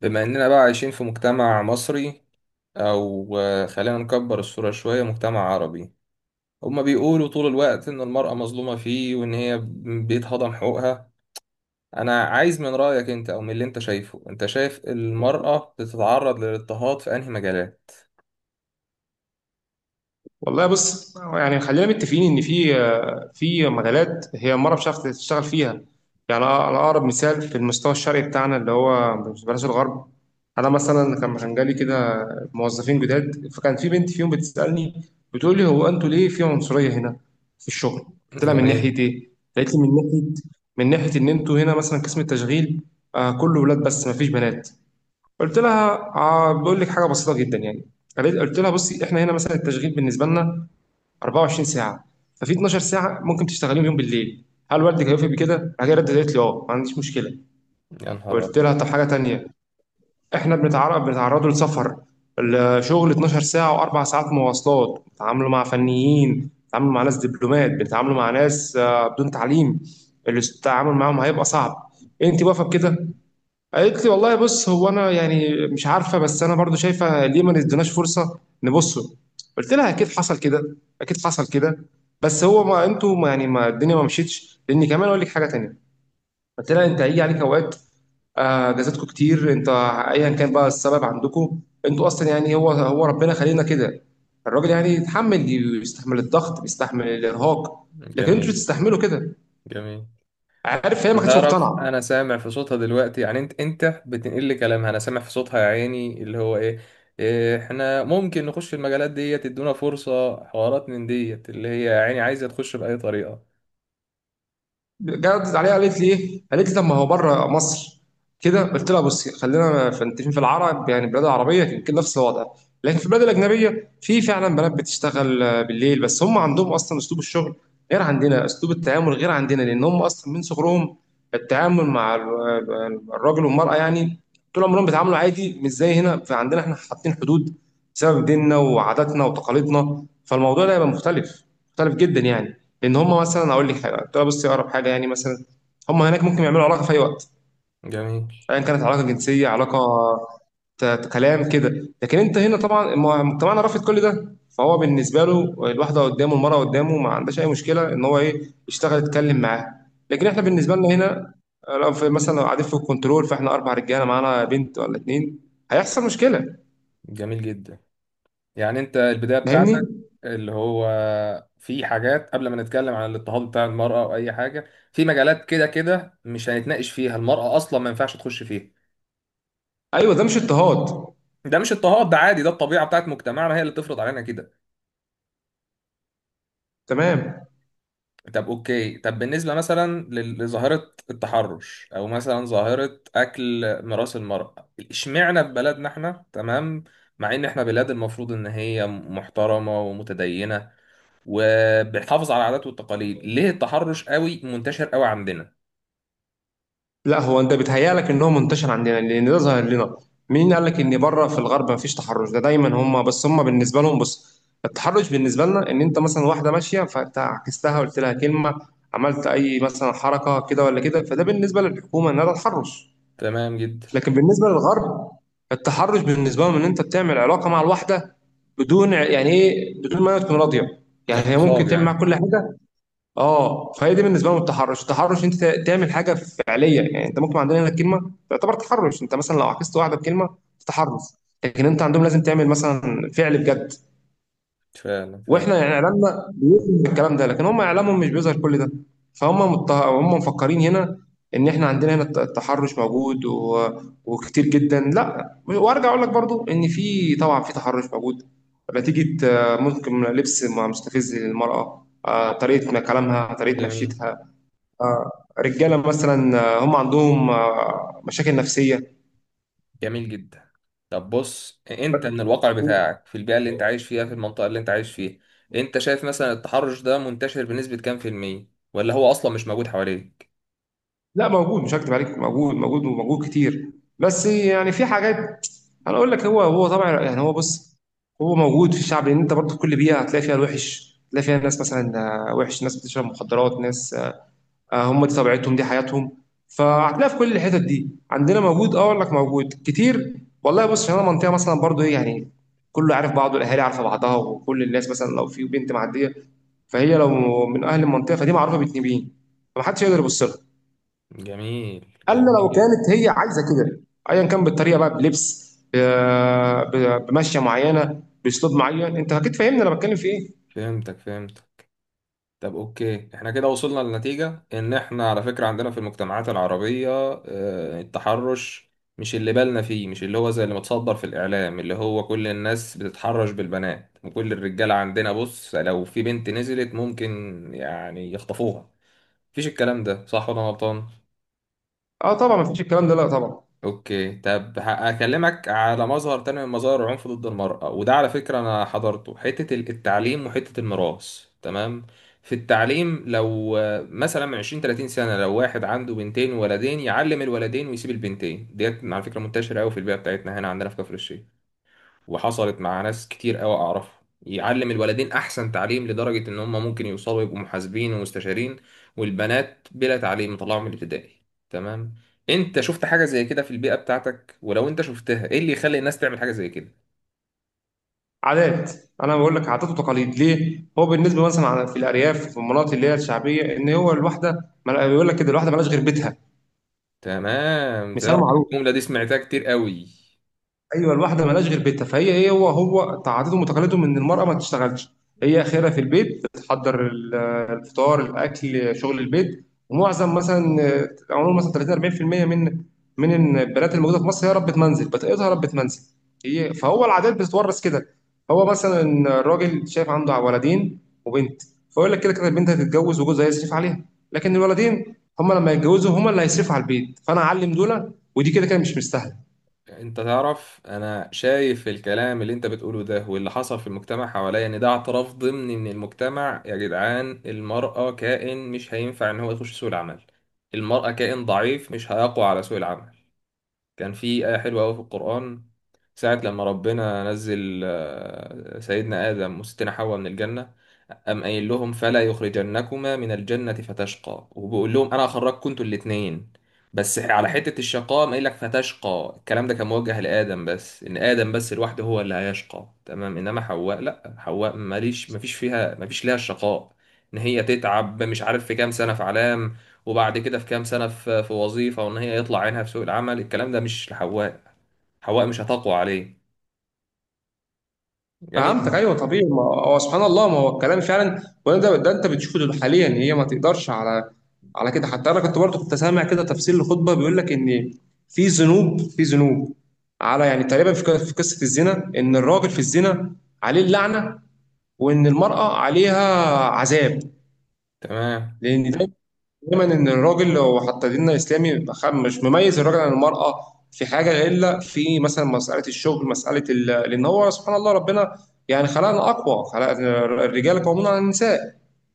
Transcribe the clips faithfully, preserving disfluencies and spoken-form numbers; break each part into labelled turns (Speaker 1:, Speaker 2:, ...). Speaker 1: بما إننا بقى عايشين في مجتمع مصري أو آه، خلينا نكبر الصورة شوية مجتمع عربي. هما بيقولوا طول الوقت إن المرأة مظلومة فيه وإن هي بيتهضم حقوقها. أنا عايز من رأيك أنت أو من اللي أنت شايفه، أنت شايف المرأة بتتعرض للاضطهاد في أنهي مجالات؟
Speaker 2: والله بص يعني خلينا متفقين ان في في مجالات هي المرأة مش عارفة تشتغل فيها. يعني انا اقرب مثال في المستوى الشرقي بتاعنا اللي هو مش بلاش الغرب. انا مثلا كان كان جالي كده موظفين جداد، فكان في بنت فيهم بتسألني، بتقول لي هو انتوا ليه في عنصرية هنا في الشغل؟ قلت لها من
Speaker 1: جميل.
Speaker 2: ناحية ايه؟ قالت لي من ناحية، من ناحية ان انتوا هنا مثلا قسم التشغيل آه كله ولاد بس مفيش بنات. قلت لها آه بقول لك حاجة بسيطة جدا يعني. قالت- قلت لها بصي احنا هنا مثلا التشغيل بالنسبة لنا 24 ساعة، ففي 12 ساعة ممكن تشتغليهم يوم بالليل. هل والدك هيوافق بكده؟ هي ردت قالت لي اه ما عنديش مشكلة.
Speaker 1: يا نهار
Speaker 2: قلت
Speaker 1: أبيض.
Speaker 2: لها طب حاجة تانية، احنا بنتعرض بنتعرضوا لسفر. الشغل 12 ساعة وأربع ساعات مواصلات، بنتعاملوا مع فنيين، بنتعاملوا مع ناس دبلومات، بنتعاملوا مع ناس آه، بدون تعليم. التعامل معاهم هيبقى صعب، انت واقفة بكده؟ قالت لي والله بص هو انا يعني مش عارفه، بس انا برضو شايفه ليه ما نديناش فرصه نبصه. قلت لها اكيد حصل كده، اكيد حصل كده، بس هو ما انتوا ما يعني ما الدنيا ما مشيتش، لان كمان اقول لك حاجه تانيه. قلت لها انت هيجي عليك اوقات، آه، اجازاتكم كتير، انت ايا كان بقى السبب عندكم. انتوا اصلا يعني هو هو ربنا خلينا كده، الراجل يعني يتحمل، يستحمل الضغط، بيستحمل الارهاق، لكن انتوا
Speaker 1: جميل.
Speaker 2: مش بتستحملوا كده.
Speaker 1: جميل.
Speaker 2: عارف هي ما
Speaker 1: انت
Speaker 2: كانتش
Speaker 1: تعرف، انا
Speaker 2: مقتنعه.
Speaker 1: سامع في صوتها دلوقتي، يعني انت انت بتنقل لي كلامها، انا سامع في صوتها يا عيني اللي هو ايه. إيه، احنا ممكن نخش في المجالات ديت، تدونا فرصة حوارات من ديت اللي هي يا عيني عايزة تخش بأي طريقة.
Speaker 2: جاوبت عليها قالت لي ايه؟ قالت لي طب ما هو بره مصر كده. قلت لها بصي خلينا فانتين في العرب، يعني البلاد العربيه يمكن نفس الوضع، لكن في البلاد الاجنبيه في فعلا بنات بتشتغل آه، بالليل، بس هم عندهم اصلا اسلوب الشغل غير عندنا، اسلوب التعامل غير عندنا، لان هم اصلا من صغرهم التعامل مع ال- الراجل والمراه يعني طول عمرهم بيتعاملوا عادي مش زي هنا. فعندنا احنا حاطين حدود بسبب ديننا وعاداتنا وتقاليدنا، فالموضوع ده هيبقى مختلف، مختلف جدا يعني. لان هم مثلا اقول لك حاجه، تعالى بصي اقرب حاجه يعني، مثلا هم هناك ممكن يعملوا علاقه في اي وقت،
Speaker 1: جميل.
Speaker 2: ايا كانت علاقه جنسيه، علاقه ت- ت- كلام كده، لكن انت هنا طبعا م- مجتمعنا رافض كل ده. فهو بالنسبه له الواحده قدامه، المراه قدامه، ما عندهاش اي مشكله ان هو ايه يشتغل يتكلم معاها، لكن احنا بالنسبه لنا هنا آه، لو في مثلا لو قاعدين في الكنترول، فاحنا اربع رجاله معانا بنت ولا اتنين، هيحصل مشكله.
Speaker 1: جميل جدا. يعني انت البداية
Speaker 2: فاهمني.
Speaker 1: بتاعتك اللي هو في حاجات، قبل ما نتكلم عن الاضطهاد بتاع المرأة او اي حاجة، في مجالات كده كده مش هنتناقش فيها المرأة اصلا ما ينفعش تخش فيها.
Speaker 2: ايوه ده مش اضطهاد.
Speaker 1: ده مش اضطهاد، ده عادي، ده الطبيعة بتاعت مجتمعنا هي اللي بتفرض علينا كده.
Speaker 2: تمام.
Speaker 1: طب اوكي، طب بالنسبة مثلا لل- لظاهرة التحرش او مثلا ظاهرة اكل ميراث المرأة، اشمعنى في بلدنا احنا؟ تمام. مع ان احنا بلاد المفروض ان هي محترمة ومتدينة وبنحافظ على العادات والتقاليد، ليه التحرش قوي منتشر قوي عندنا؟
Speaker 2: لا هو انت بيتهيألك ان هو منتشر عندنا لان ده ظاهر لنا. مين قال لك ان بره في الغرب مفيش تحرش؟ ده دايما هم، بس هم بالنسبه لهم بص، التحرش بالنسبه لنا ان انت مثلا واحده ماشيه فانت عكستها، قلت لها كلمه، عملت اي مثلا حركه كده ولا كده، فده بالنسبه للحكومه ان ده تحرش.
Speaker 1: تمام جدا.
Speaker 2: لكن بالنسبه للغرب، التحرش بالنسبه لهم ان انت بتعمل علاقه مع الواحده بدون يعني ايه، بدون ما هي تكون راضيه، يعني هي ممكن
Speaker 1: اغتصاب
Speaker 2: تعمل معاك
Speaker 1: يعني.
Speaker 2: كل حاجه. اه فهي دي بالنسبه لهم التحرش. التحرش انت تعمل حاجه فعليه يعني، انت ممكن عندنا هنا الكلمه تعتبر تحرش، انت مثلا لو عكست واحده بكلمه تحرش. لكن انت عندهم لازم تعمل مثلا فعل بجد.
Speaker 1: فعلا فعلا.
Speaker 2: واحنا يعني اعلامنا بيظهر الكلام ده، لكن هم اعلامهم مش بيظهر كل ده. فهم مت... هم مفكرين هنا ان احنا عندنا هنا الت- التحرش موجود و... وكتير جدا. لا وارجع اقول لك برضو ان في طبعا في تحرش موجود نتيجه آه، ممكن لبس مستفز للمراه، آه، طريقه كلامها، طريقه
Speaker 1: جميل.
Speaker 2: مشيتها، آه، رجاله مثلا آه، هم عندهم آه، مشاكل نفسيه.
Speaker 1: جميل جدا. طب بص، انت من الواقع بتاعك، في البيئة اللي انت عايش فيها، في المنطقة اللي انت عايش فيها، انت شايف مثلا التحرش ده منتشر بنسبة كام في المية؟ ولا هو اصلا مش موجود حواليك؟
Speaker 2: لا موجود، مش هكدب عليك، موجود موجود وموجود كتير. بس يعني في حاجات، انا اقول لك هو هو طبعا يعني، هو بص، هو موجود في الشعب، لان انت برضه في كل بيئه هتلاقي فيها الوحش، هتلاقي فيها ناس مثلا آه، وحش، ناس بتشرب مخدرات، ناس آه، هم دي طبيعتهم، دي حياتهم، فهتلاقي في كل الحتت دي عندنا موجود. اه اقول لك موجود كتير. والله بص عشان انا منطقه مثلا برضه ايه يعني كله عارف بعضه، الاهالي عارفه بعضها، وكل الناس مثلا لو في بنت معديه، فهي لو من اهل المنطقه فدي معروفه بتنين، فمحدش يقدر يبص لها
Speaker 1: جميل.
Speaker 2: الا
Speaker 1: جميل
Speaker 2: لو
Speaker 1: جدا.
Speaker 2: كانت هي عايزه كده، ايا كان بالطريقه بقى، بلبس، ب- ب- بمشيه معينه، باسلوب معين، انت اكيد فاهمني انا بتكلم في ايه.
Speaker 1: فهمتك. فهمت. طب اوكي، احنا كده وصلنا لنتيجة ان احنا على فكرة عندنا في المجتمعات العربية آه، التحرش مش اللي بالنا فيه، مش اللي هو زي اللي متصدر في الاعلام، اللي هو كل الناس بتتحرش بالبنات وكل الرجالة عندنا. بص لو في بنت نزلت ممكن يعني يخطفوها. مفيش الكلام ده، صح ولا أنا غلطان؟
Speaker 2: اه طبعا ما فيش الكلام ده، لا طبعا.
Speaker 1: اوكي طب ه- هكلمك على مظهر تاني من مظاهر العنف ضد المرأة، وده على فكرة انا حضرته: حتة ال- التعليم وحتة الميراث. تمام. في التعليم لو آه، مثلا من عشرين ثلاثين سنة، لو واحد عنده بنتين وولدين يعلم الولدين ويسيب البنتين ديت، على فكرة منتشرة قوي في البيئة بتاعتنا هنا عندنا في كفر الشيخ، وحصلت مع ناس كتير قوي اعرفها، يعلم الولدين احسن تعليم لدرجة ان هم ممكن يوصلوا يبقوا محاسبين ومستشارين، والبنات بلا تعليم مطلعهم من الابتدائي. تمام. انت شفت حاجة زي كده في البيئة بتاعتك؟ ولو انت شفتها، ايه اللي يخلي الناس تعمل حاجة زي كده؟
Speaker 2: عادات. انا بقول لك عادات وتقاليد، ليه هو بالنسبه مثلا في الارياف في المناطق اللي هي الشعبيه، ان هو الواحده ما- بيقول لك كده الواحده مالهاش غير بيتها.
Speaker 1: تمام.
Speaker 2: مثال
Speaker 1: تعرف إن
Speaker 2: معروف.
Speaker 1: الجملة دي سمعتها كتير قوي.
Speaker 2: ايوه الواحده مالهاش غير بيتها. فهي هي هو هو تعادتهم وتقاليدهم ان المراه ما تشتغلش، هي اخرها في البيت، بتحضر ال- الفطار الاكل شغل البيت. ومعظم مثلا آه، عموما مثلا ثلاثين أربعين في المية من من البنات الموجوده في مصر هي ربة منزل، بتقيدها ربة منزل. هي فهو العادات بتتورث كده. هو مثلا الراجل شايف عنده ولدين وبنت، فيقول لك كده كده البنت هتتجوز وجوزها هيصرف عليها، لكن الولدين هم لما يتجوزوا هم اللي هيصرفوا على البيت، فانا اعلم دول، ودي كده كده مش مستاهله.
Speaker 1: انت تعرف، انا شايف الكلام اللي انت بتقوله ده واللي حصل في المجتمع حواليا، ان ده اعتراف ضمني من المجتمع يا جدعان، المرأة كائن مش هينفع ان هو يخش سوق العمل. المرأة كائن ضعيف مش هيقوى على سوق العمل. كان في آية حلوة أوي في القرآن، ساعة لما ربنا نزل آه، سيدنا آدم وستنا حواء من الجنة، قام قايل لهم "فلا يخرجنكما من الجنة فتشقى"، وبيقول لهم أنا هخرجكم انتوا الاتنين، بس على حتة الشقاء قام قايل لك "فتشقى". الكلام ده كان موجه لآدم بس، إن آدم بس لوحده هو اللي هيشقى، تمام، إنما حواء لأ، حواء ماليش، مفيش فيها، مفيش ليها الشقاء، إن هي تتعب مش عارف في كام سنة في علام، وبعد كده في كام سنة في في وظيفة، وإن هي يطلع عينها في سوق العمل. الكلام ده مش لحواء، حواء مش هتقوى عليه. جميل
Speaker 2: فهمتك
Speaker 1: جدا.
Speaker 2: ايوه طبيعي، ما هو سبحان الله، ما هو الكلام فعلا، وانا ده, ده انت بتشوفه دول حاليا، هي ما تقدرش على على كده. حتى انا كنت برضه كنت سامع كده تفسير لخطبه، بيقول لك ان في ذنوب في ذنوب، على يعني تقريبا في ق- في قصه الزنا، ان الراجل في الزنا عليه اللعنه، وان المراه عليها عذاب.
Speaker 1: تمام.
Speaker 2: لان ده دايما ان الراجل، لو حتى ديننا الاسلامي بيبقى خ- مش مميز الراجل عن المراه في حاجه، الا في مثلا مساله الشغل، مساله ال- لان هو سبحان الله ربنا يعني خلقنا اقوى خلق. الرجال قوامون على النساء.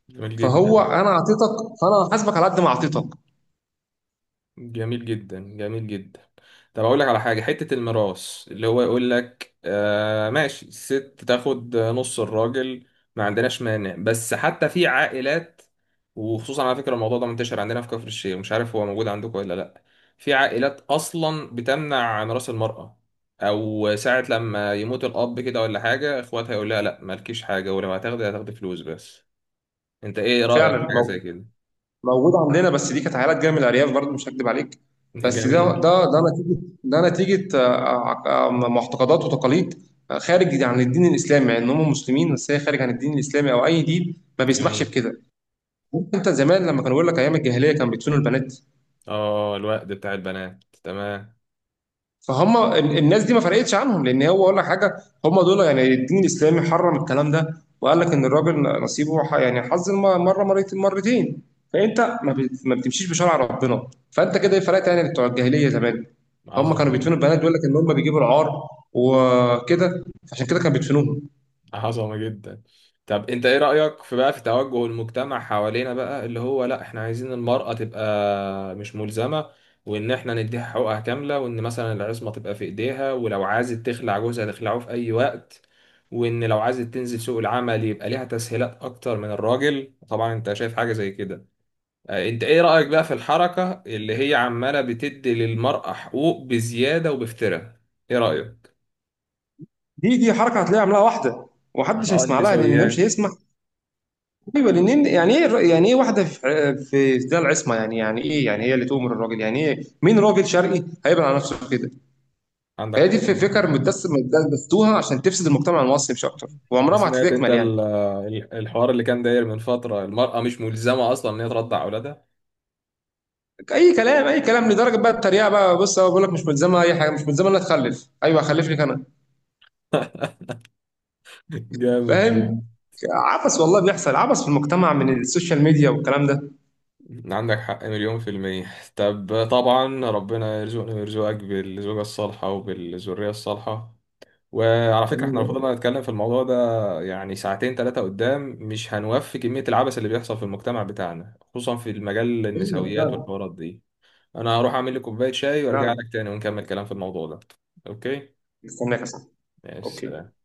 Speaker 1: جميل
Speaker 2: فهو
Speaker 1: جدا.
Speaker 2: انا اعطيتك، فانا هحاسبك على قد ما اعطيتك.
Speaker 1: جميل جدا. جميل جدا. طب اقول لك على حاجه، حته الميراث، اللي هو يقول لك آه ماشي، الست تاخد نص الراجل، ما عندناش مانع، بس حتى في عائلات، وخصوصا على فكره الموضوع ده منتشر عندنا في كفر الشيخ، مش عارف هو موجود عندكم ولا لا. في عائلات اصلا بتمنع ميراث المراه، او ساعه لما يموت الاب كده ولا حاجه، اخواتها يقول لها لا مالكيش حاجه، ولو هتاخدي هتاخدي فلوس بس. انت ايه رايك في
Speaker 2: فعلا
Speaker 1: حاجه زي
Speaker 2: مو-
Speaker 1: كده؟
Speaker 2: موجود عندنا، بس دي كانت عائلات جايه من الارياف برضه مش هكدب عليك. بس ده
Speaker 1: جميل.
Speaker 2: ده ده نتيجه، ده نتيجه آه، آه، آه، معتقدات وتقاليد، آه، خارج عن الدين الاسلامي. مع ان هم مسلمين، بس هي خارج عن الدين الاسلامي او اي دين ما بيسمحش
Speaker 1: جميل.
Speaker 2: بكده. انت زمان لما كانوا بيقول لك ايام الجاهليه كانوا بيدفنوا البنات،
Speaker 1: اه، الوقت بتاع البنات. تمام.
Speaker 2: فهم ال- الناس دي ما فرقتش عنهم، لان هو اقول لك حاجه، هم دول يعني الدين الاسلامي حرم الكلام ده، وقال لك ان الراجل نصيبه ح- يعني حظ الم- مره مرت- مرتين. فانت ما بت- ما بتمشيش بشرع ربنا، فانت كده ايه فرقت يعني بتوع الجاهليه زمان. هم
Speaker 1: عظمة
Speaker 2: كانوا بيدفنوا
Speaker 1: جدا.
Speaker 2: البنات، بيقول لك ان هم بيجيبوا العار وكده، عشان كده كانوا بيدفنوهم.
Speaker 1: عظمة جدا. طب انت ايه رأيك في بقى في توجه المجتمع حوالينا بقى، اللي هو لا، احنا عايزين المرأة تبقى مش ملزمة، وان احنا نديها حقوقها كاملة، وان مثلا العصمة تبقى في ايديها، ولو عايزة تخلع جوزها تخلعه في اي وقت، وان لو عايزة تنزل سوق العمل يبقى ليها تسهيلات اكتر من الراجل طبعا. انت شايف حاجة زي كده؟ آه، انت ايه رأيك بقى في الحركة اللي هي عمالة بتدي للمرأة حقوق بزيادة وبافتراء؟ ايه رأيك؟
Speaker 2: دي دي حركه هتلاقيها عاملاها واحده، ومحدش
Speaker 1: اه،
Speaker 2: هيسمع لها، لان ده مش
Speaker 1: النسويات.
Speaker 2: هيسمع. ايوه لان يعني ايه الر- يعني ايه واحده في في ده العصمه؟ يعني يعني ايه يعني هي اللي تؤمر الراجل؟ يعني ايه؟ مين راجل شرقي هيبقى على نفسه كده؟
Speaker 1: عندك
Speaker 2: هي
Speaker 1: حق.
Speaker 2: دي الفكر متدس متدستوها عشان تفسد المجتمع المصري مش اكتر،
Speaker 1: انت
Speaker 2: وعمرها ما
Speaker 1: سمعت، انت
Speaker 2: هتتكمل
Speaker 1: ال-
Speaker 2: يعني.
Speaker 1: ال- الحوار اللي كان داير من فترة، المرأة مش ملزمة اصلا ان هي ترضع اولادها؟
Speaker 2: اي كلام، اي كلام، لدرجه بقى التريقه بقى، بص هو بيقول لك مش ملزمه اي حاجه، مش ملزمه انها تخلف؟ ايوه هخلف لك انا.
Speaker 1: جامد جدا.
Speaker 2: فاهم. عبث، والله بيحصل عبث في المجتمع من السوشيال ميديا والكلام ده
Speaker 1: عندك حق مليون في المية. طب طبعا، ربنا يرزقني ويرزقك بالزوجة الصالحة وبالذرية الصالحة. وعلى فكرة احنا لو
Speaker 2: يعني.
Speaker 1: فضلنا نتكلم في الموضوع ده يعني ساعتين ثلاثة قدام، مش هنوفي كمية العبث اللي بيحصل في المجتمع بتاعنا، خصوصا في المجال،
Speaker 2: ايوه
Speaker 1: النسويات
Speaker 2: فعلا.
Speaker 1: والحوارات دي. انا هروح اعمل لي كوباية شاي وارجع
Speaker 2: فعلا
Speaker 1: لك تاني ونكمل كلام في الموضوع ده. اوكي.
Speaker 2: استناك يا صاحبي.
Speaker 1: ماشي. سلام.
Speaker 2: اوكي.